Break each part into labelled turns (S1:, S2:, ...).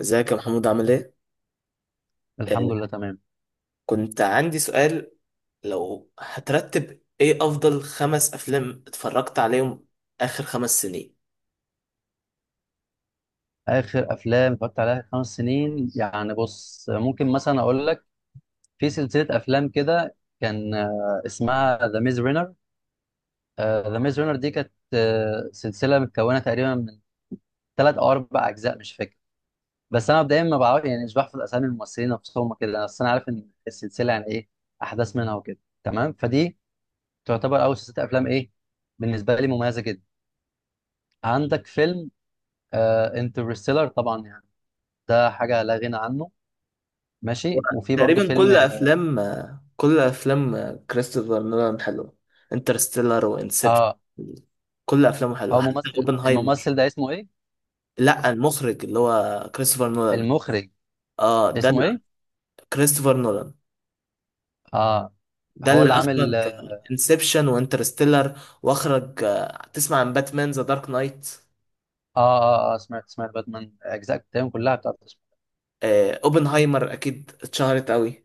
S1: ازيك يا محمود عامل ايه؟
S2: الحمد لله
S1: آه،
S2: تمام.
S1: كنت عندي سؤال، لو هترتب ايه افضل خمس افلام اتفرجت عليهم اخر خمس سنين؟
S2: اخر افلام اتفرجت عليها 5 سنين، يعني بص، ممكن مثلا اقول لك. في سلسله افلام كده، كان اسمها ذا ميز رينر. ذا ميز رينر دي كانت سلسله متكونه تقريبا من 3 او 4 اجزاء، مش فاكر. بس انا مبدئيا ما بعرف، يعني مش بحفظ اسامي الممثلين نفسهم كده، بس انا عارف ان السلسله يعني ايه، احداث منها وكده، تمام. فدي تعتبر اول سلسله افلام، ايه، بالنسبه لي مميزه جدا. عندك فيلم انترستيلر، طبعا، يعني ده حاجه لا غنى عنه.
S1: و-
S2: ماشي. وفي برضه
S1: تقريبا
S2: فيلم.
S1: كل افلام كريستوفر نولان حلوه. انترستيلر وانسبشن،
S2: اه.
S1: كل افلامه حلوه
S2: هو
S1: حتى
S2: ممثل،
S1: اوبنهايمر.
S2: الممثل ده اسمه ايه؟
S1: لا، المخرج اللي هو كريستوفر نولان.
S2: المخرج
S1: اه،
S2: اسمه ايه؟
S1: كريستوفر نولان
S2: اه.
S1: ده
S2: هو
S1: اللي
S2: اللي عامل.
S1: اخرج
S2: اه.
S1: انسبشن وانترستيلر، واخرج تسمع عن باتمان ذا دارك نايت.
S2: اه، سمعت باتمان، اجزاء بتاعهم كلها بتاعت.
S1: اوبنهايمر اكيد اتشهرت قوي.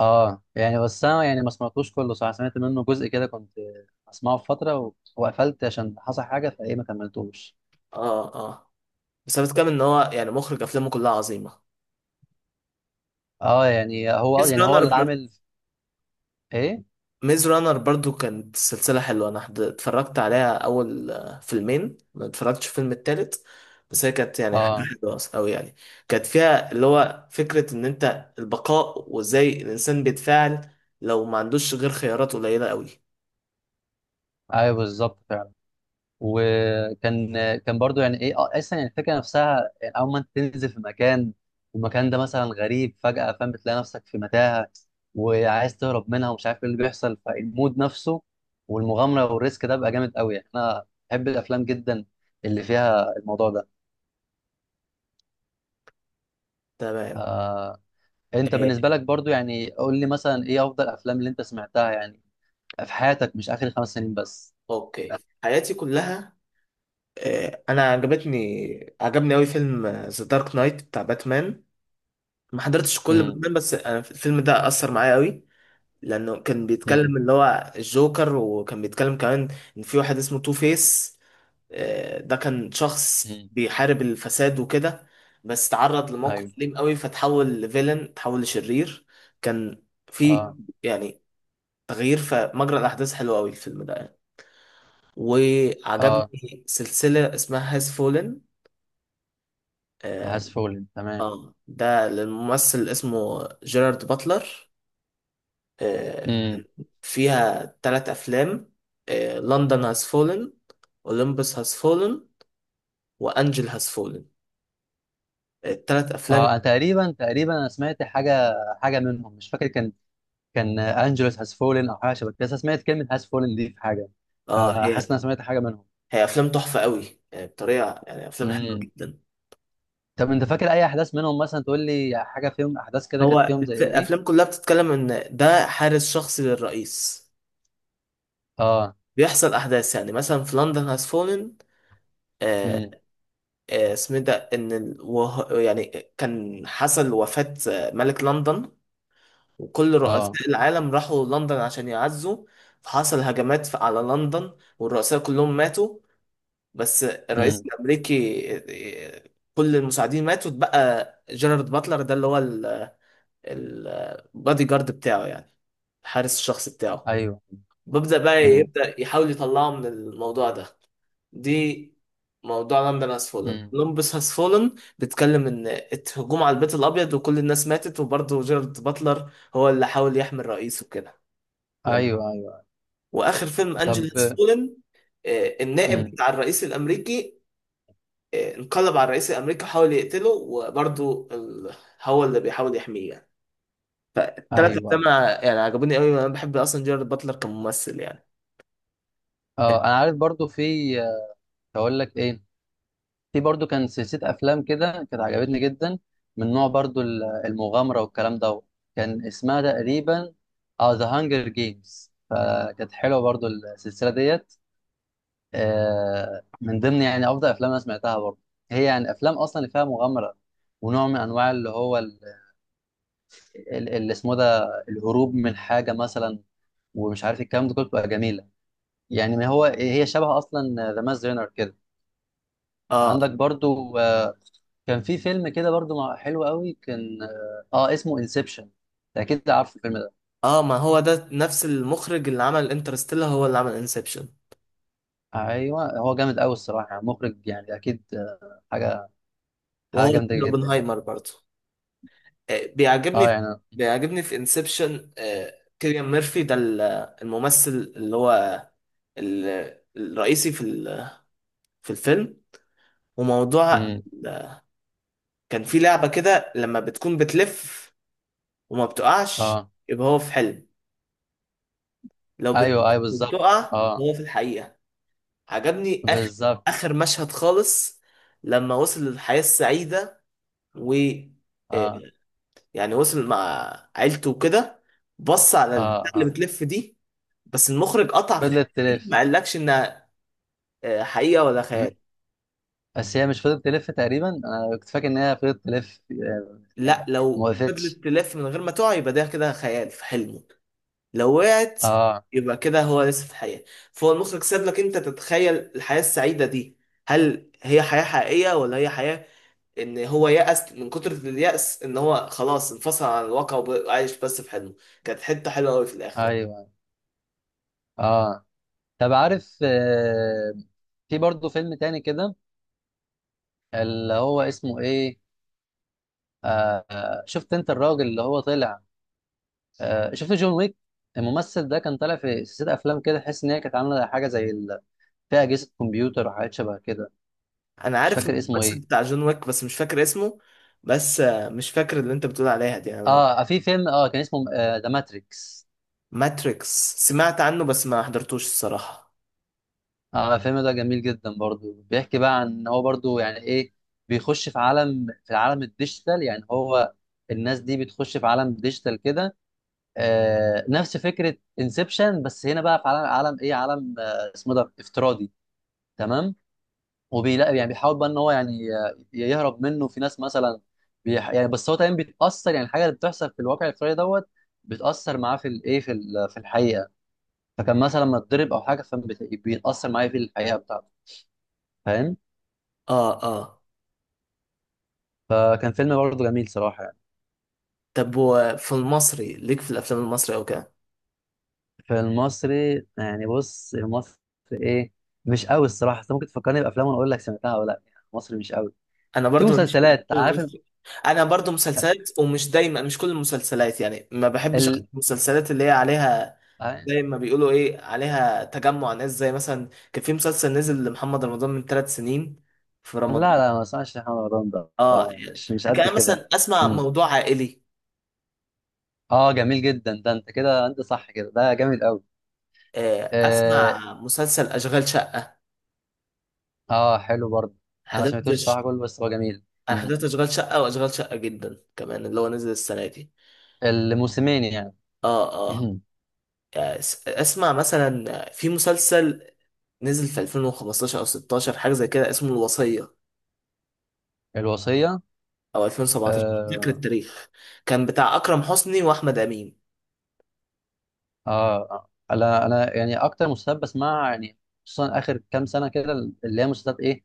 S2: اه يعني بس انا يعني ما سمعتوش كله، صح، سمعت منه جزء كده، كنت اسمعه في فتره وقفلت عشان حصل حاجه، فايه ما كملتوش.
S1: اه، اه. بس انا بتكلم ان هو يعني مخرج افلامه كلها عظيمه.
S2: اه يعني هو،
S1: ميز
S2: يعني هو
S1: رانر
S2: اللي
S1: بر...
S2: عامل ايه.
S1: ميز رانر برضو كانت سلسله حلوه. انا اتفرجت عليها اول فيلمين، ما اتفرجتش في الفيلم التالت. بس هي كانت يعني حاجه
S2: اه.
S1: حلوه قوي يعني. كانت فيها اللي هو فكره ان انت البقاء وازاي الانسان بيتفاعل لو ما عندوش غير خيارات قليله قوي.
S2: ايوه، بالظبط فعلا. وكان، كان برضو يعني ايه، اصلا يعني الفكره نفسها، يعني اول ما انت تنزل في مكان والمكان ده مثلا غريب فجاه، فاهم، بتلاقي نفسك في متاهه وعايز تهرب منها ومش عارف ايه اللي بيحصل، فالمود نفسه والمغامره والريسك ده بقى جامد قوي، يعني انا بحب الافلام جدا اللي فيها الموضوع ده.
S1: تمام.
S2: آه انت
S1: آه،
S2: بالنسبه لك برضو، يعني قول لي مثلا ايه افضل افلام اللي انت سمعتها يعني في حياتك، مش اخر 5 سنين بس.
S1: اوكي، حياتي كلها. آه، انا عجبتني عجبني قوي فيلم ذا دارك نايت بتاع باتمان. ما حضرتش كل
S2: امم.
S1: باتمان بس أنا الفيلم ده اثر معايا قوي. لانه كان
S2: امم.
S1: بيتكلم اللي هو الجوكر، وكان بيتكلم كمان ان في واحد اسمه تو فيس. ده كان شخص
S2: امم.
S1: بيحارب الفساد وكده، بس تعرض لموقف
S2: ايوه.
S1: أليم قوي فتحول لفيلن، تحول لشرير. كان في
S2: اه.
S1: يعني تغيير في مجرى الاحداث حلو قوي الفيلم ده يعني.
S2: اه.
S1: وعجبني سلسلة اسمها هاز فولن.
S2: هاس فولن تمام.
S1: اه، ده الممثل اسمه جيرارد باتلر. آه،
S2: امم.
S1: فيها ثلاث افلام: لندن هاز فولن، اولمبس هاز فولن، وانجل هاز فولن. الثلاث
S2: اه. أنا
S1: افلام.
S2: تقريبا انا سمعت حاجه منهم مش فاكر. كان انجلوس هاز فولن او حاجه شبه كده، بس أنا سمعت كلمه هاز فولن دي في حاجه،
S1: اه،
S2: فحاسس
S1: هي
S2: ان انا سمعت حاجه منهم.
S1: هي افلام تحفه قوي يعني، بطريقه، يعني افلام حلوه
S2: امم.
S1: جدا.
S2: طب انت فاكر اي احداث منهم؟ مثلا تقول لي حاجه فيهم، احداث كده
S1: هو
S2: كانت فيهم زي
S1: الافلام
S2: ايه.
S1: كلها بتتكلم ان ده حارس شخصي للرئيس.
S2: اه.
S1: بيحصل احداث يعني مثلا في لندن هاز فولن. آه
S2: امم.
S1: اسمه إيه ده، ان يعني كان حصل وفاه ملك لندن، وكل
S2: اه.
S1: رؤساء العالم راحوا لندن عشان يعزوا. فحصل هجمات على لندن، والرؤساء كلهم ماتوا بس
S2: امم.
S1: الرئيس الأمريكي، كل المساعدين ماتوا، اتبقى جيرارد باتلر ده اللي هو البادي جارد بتاعه يعني، الحارس الشخصي بتاعه.
S2: ايوه.
S1: ببدأ بقى
S2: امم.
S1: يبدأ يحاول يطلعه من الموضوع ده. دي موضوع لندن هاز فولن
S2: امم.
S1: لندن هاز فولن بيتكلم ان الهجوم على البيت الابيض وكل الناس ماتت، وبرضه جيرارد باتلر هو اللي حاول يحمي الرئيس وكده. لما-
S2: ايوه، ايوه.
S1: واخر فيلم انجل
S2: طب.
S1: هاز فولن، النائب
S2: امم.
S1: بتاع الرئيس الامريكي انقلب على الرئيس الامريكي وحاول يقتله، وبرضه هو اللي بيحاول يحميه يعني. فالتلات
S2: ايوه.
S1: افلام يعني عجبوني قوي، انا بحب اصلا جيرارد باتلر كممثل يعني.
S2: اه، انا عارف برضو. في، اقول لك ايه، في برضو كان سلسلة أفلام كده كانت عجبتني جدا، من نوع برضو المغامرة والكلام ده. كان اسمها تقريبا، اه ذا هانجر جيمز، فكانت حلوة برضو السلسلة ديت. من ضمن يعني أفضل أفلام أنا سمعتها برضو. هي يعني أفلام أصلا اللي فيها مغامرة، ونوع من أنواع اللي هو، اللي اسمه ده، الهروب من حاجة مثلا، ومش عارف الكلام ده كله، بتبقى جميلة. يعني ما هو هي شبه أصلا ذا ماز رينر كده.
S1: اه،
S2: عندك برضو كان في فيلم كده برضو حلو قوي، كان، اسمه انسبشن، اكيد عارف الفيلم ده.
S1: اه. ما هو ده نفس المخرج اللي عمل انترستيلر هو اللي عمل انسبشن،
S2: ايوه، هو جامد قوي الصراحه، يعني مخرج، يعني اكيد حاجه
S1: وهو
S2: جامده
S1: الفيلم
S2: جدا يعني.
S1: اوبنهايمر برضه. آه، بيعجبني
S2: اه
S1: في...
S2: يعني.
S1: بيعجبني في انسبشن كيليان ميرفي، ده الممثل اللي هو الرئيسي في الفيلم. وموضوع
S2: امم.
S1: كان في لعبة كده، لما بتكون بتلف وما بتقعش
S2: اه.
S1: يبقى هو في حلم، لو
S2: ايوه،
S1: بتلف
S2: ايوه بالظبط.
S1: وبتقع
S2: اه،
S1: هو في الحقيقة. عجبني آخر
S2: بالظبط.
S1: آخر مشهد خالص، لما وصل للحياة السعيدة و آه،
S2: اه.
S1: يعني وصل مع عيلته وكده، بص على
S2: اه.
S1: البتاع اللي
S2: اه.
S1: بتلف دي، بس المخرج قطع في الحته
S2: فضلت
S1: دي، ما
S2: تلف.
S1: قالكش انها حقيقه ولا خيال.
S2: م- بس هي مش فضلت تلف تقريبا، انا كنت فاكر ان هي فضلت تلف،
S1: لا،
S2: يعني ما
S1: لو
S2: وقفتش.
S1: فضلت تلف من غير ما تقع يبقى ده كده خيال في حلمه، لو وقعت
S2: اه.
S1: يبقى كده هو لسه في الحياه. فهو المخرج ساب لك انت تتخيل الحياه السعيده دي، هل هي حياه حقيقيه ولا هي حياه ان هو يأس من كتر اليأس، ان هو خلاص انفصل عن الواقع وعايش بس في حلمه. كانت حته حلوه قوي في الاخر يعني.
S2: ايوه. اه. طب عارف، في برضه فيلم تاني كده، اللي هو اسمه ايه، شفت انت الراجل اللي هو طلع؟ شفت جون ويك؟ الممثل ده كان طالع في سلسله افلام كده، تحس ان هي كانت عامله حاجه زي فيها اجهزه كمبيوتر وحاجات شبه كده.
S1: انا
S2: مش
S1: عارف
S2: فاكر اسمه
S1: الممثل
S2: ايه.
S1: بتاع جون ويك بس مش فاكر اسمه. بس مش فاكر اللي انت بتقول عليها دي يعني.
S2: اه، في فيلم، كان اسمه ذا ماتريكس.
S1: ماتريكس سمعت عنه بس ما حضرتوش الصراحة.
S2: اه، الفيلم ده جميل جدا برضو، بيحكي بقى عن ان هو برضو يعني ايه، بيخش في العالم الديجيتال. يعني هو الناس دي بتخش في عالم ديجيتال كده. نفس فكره انسبشن، بس هنا بقى في عالم، عالم ايه عالم، اسمه ده افتراضي، تمام. وبيلاقي يعني، بيحاول بقى ان هو يعني يهرب منه، في ناس مثلا يعني، بس هو تمام بيتاثر، يعني الحاجه اللي بتحصل في الواقع الافتراضي دوت بتاثر معاه في الايه، في في الحقيقه. فكان مثلا لما اتضرب او حاجه فبيتاثر معاه في الحقيقه بتاعته، فاهم.
S1: اه، اه.
S2: فكان فيلم برضه جميل صراحه يعني.
S1: طب وفي المصري ليك في الافلام المصري او كده؟
S2: في المصري يعني، بص المصري ايه، مش قوي الصراحه. انت ممكن تفكرني بافلام وانا اقول لك سمعتها ولا لا، يعني المصري مش قوي.
S1: انا
S2: في
S1: برضو ماليش في الافلام
S2: مسلسلات، عارف،
S1: المصري. انا برضو مسلسلات، ومش دايما، مش كل المسلسلات يعني، ما بحبش أحضر
S2: ال...
S1: المسلسلات اللي هي عليها،
S2: ال...
S1: زي ما بيقولوا ايه، عليها تجمع ناس. زي مثلا كان في مسلسل نزل لمحمد رمضان من ثلاث سنين في رمضان.
S2: لا لا، ما اسمعش محمد رمضان ده، اه
S1: اه.
S2: يعني، مش قد
S1: كان
S2: كده
S1: مثلا
S2: يعني.
S1: اسمع
S2: مم.
S1: موضوع عائلي.
S2: اه جميل جدا ده، انت كده انت صح كده، ده جميل قوي. اه،
S1: اسمع مسلسل اشغال شقه.
S2: حلو برضه. انا ما
S1: حضرت
S2: سمعتوش
S1: ش-
S2: صراحه كله، بس هو جميل.
S1: أنا
S2: مم.
S1: حضرت اشغال شقه، واشغال شقه جدا كمان اللي هو نزل السنه دي.
S2: الموسمين يعني.
S1: اه، اه. يعني اسمع مثلا في مسلسل نزل في 2015 او 16، حاجه زي كده، اسمه الوصيه،
S2: الوصيه.
S1: او 2017، مش فاكر
S2: آه.
S1: التاريخ. كان بتاع اكرم حسني واحمد امين.
S2: اه. آه. انا، يعني اكتر مسلسلات بسمعها يعني، خصوصا اخر كام سنه كده، اللي هي مسلسلات ايه،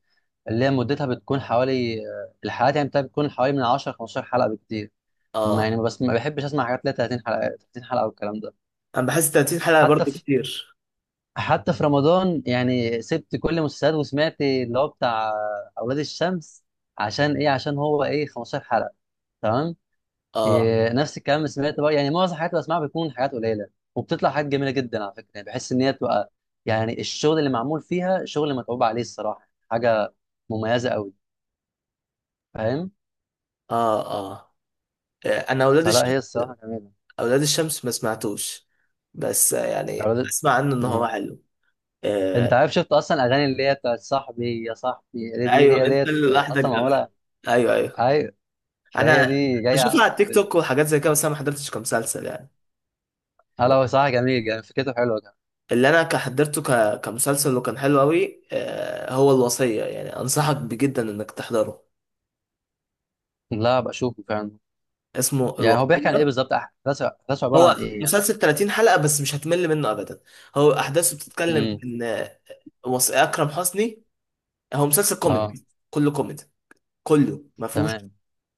S2: اللي هي مدتها بتكون حوالي، الحلقات يعني بتاعتها بتكون حوالي من 10 15 حلقه بكتير. ما
S1: اه.
S2: يعني بس ما بحبش اسمع حاجات ليها 30 حلقه، 30 حلقه والكلام ده.
S1: انا بحس 30 حلقه
S2: حتى
S1: برضو
S2: في
S1: كتير.
S2: حتى في رمضان، يعني سبت كل المسلسلات وسمعت اللي هو بتاع اولاد الشمس، عشان ايه، عشان هو ايه، 15 حلقه، تمام.
S1: اه،
S2: إيه، نفس الكلام. سمعت بقى، يعني معظم الحاجات اللي بسمعها بتكون حاجات قليله، وبتطلع حاجات جميله جدا على فكره، يعني بحس ان هي تبقى، يعني الشغل اللي معمول فيها شغل متعوب عليه الصراحه، حاجه مميزه قوي، فاهم.
S1: اه، اه. آه، انا اولاد
S2: فلا، هي الصراحه جميله.
S1: اولاد الشمس ما سمعتوش. بس يعني
S2: اولاد.
S1: اسمع عنه ان هو حلو. آه،
S2: انت عارف شفت اصلا اغاني اللي هي بتاعت صاحبي يا صاحبي، اللي دي
S1: ايوه،
S2: هي
S1: انت
S2: ديت
S1: اللي لوحدك
S2: اصلا
S1: ده.
S2: معموله.
S1: ايوه، ايوه.
S2: ايوه. فهي
S1: انا
S2: دي جايه
S1: بشوفه على
S2: اصلا في
S1: التيك
S2: الفيلم.
S1: توك وحاجات زي كده، بس انا ما حضرتش كمسلسل يعني.
S2: هلا، هو صراحه جميل يعني، فكرته حلوه كمان.
S1: اللي انا حضرته كمسلسل وكان حلو قوي هو الوصية، يعني انصحك بجدا انك تحضره.
S2: لا، بشوفه فعلا.
S1: اسمه
S2: يعني هو بيحكي عن ايه
S1: الوصية.
S2: بالظبط، احداثه، احداثه عباره عن
S1: هو
S2: ايه يعني؟
S1: مسلسل 30 حلقة بس مش هتمل منه ابدا. هو احداثه بتتكلم
S2: امم.
S1: ان اكرم حسني، هو مسلسل
S2: اه.
S1: كوميدي، كله كوميدي، كله ما فيهوش
S2: تمام.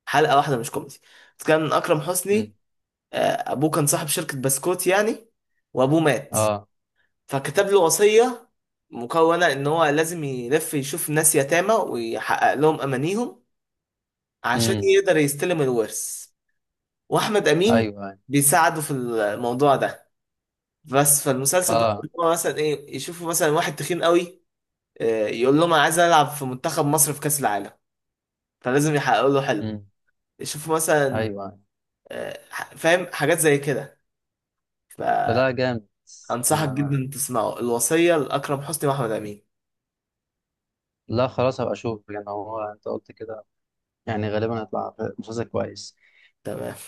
S1: حلقة واحدة مش كوميدي. كان أكرم
S2: امم.
S1: حسني آه، أبوه كان صاحب شركة بسكوت يعني، وأبوه مات
S2: اه.
S1: فكتب له وصية، مكونة إن هو لازم يلف يشوف ناس يتامى ويحقق لهم أمانيهم عشان
S2: امم.
S1: يقدر يستلم الورث. وأحمد
S2: ايوه،
S1: أمين
S2: أيوة.
S1: بيساعده في الموضوع ده. بس فالمسلسل بقى
S2: اه.
S1: إن هو مثلا إيه، يشوفوا مثلا واحد تخين قوي يقول لهم أنا عايز ألعب في منتخب مصر في كأس العالم، فلازم يحققوا له حلمه.
S2: امم.
S1: يشوفوا
S2: ايوه،
S1: مثلا
S2: أيوة.
S1: آه، فاهم، حاجات زي كده. ف
S2: لا، جامد.
S1: أنصحك
S2: آه.
S1: جدا تسمعه، الوصية لأكرم حسني وأحمد أمين.
S2: لا خلاص، هبقى اشوف يعني، هو انت قلت كده، يعني غالبا هيطلع مسلسل كويس.
S1: تمام.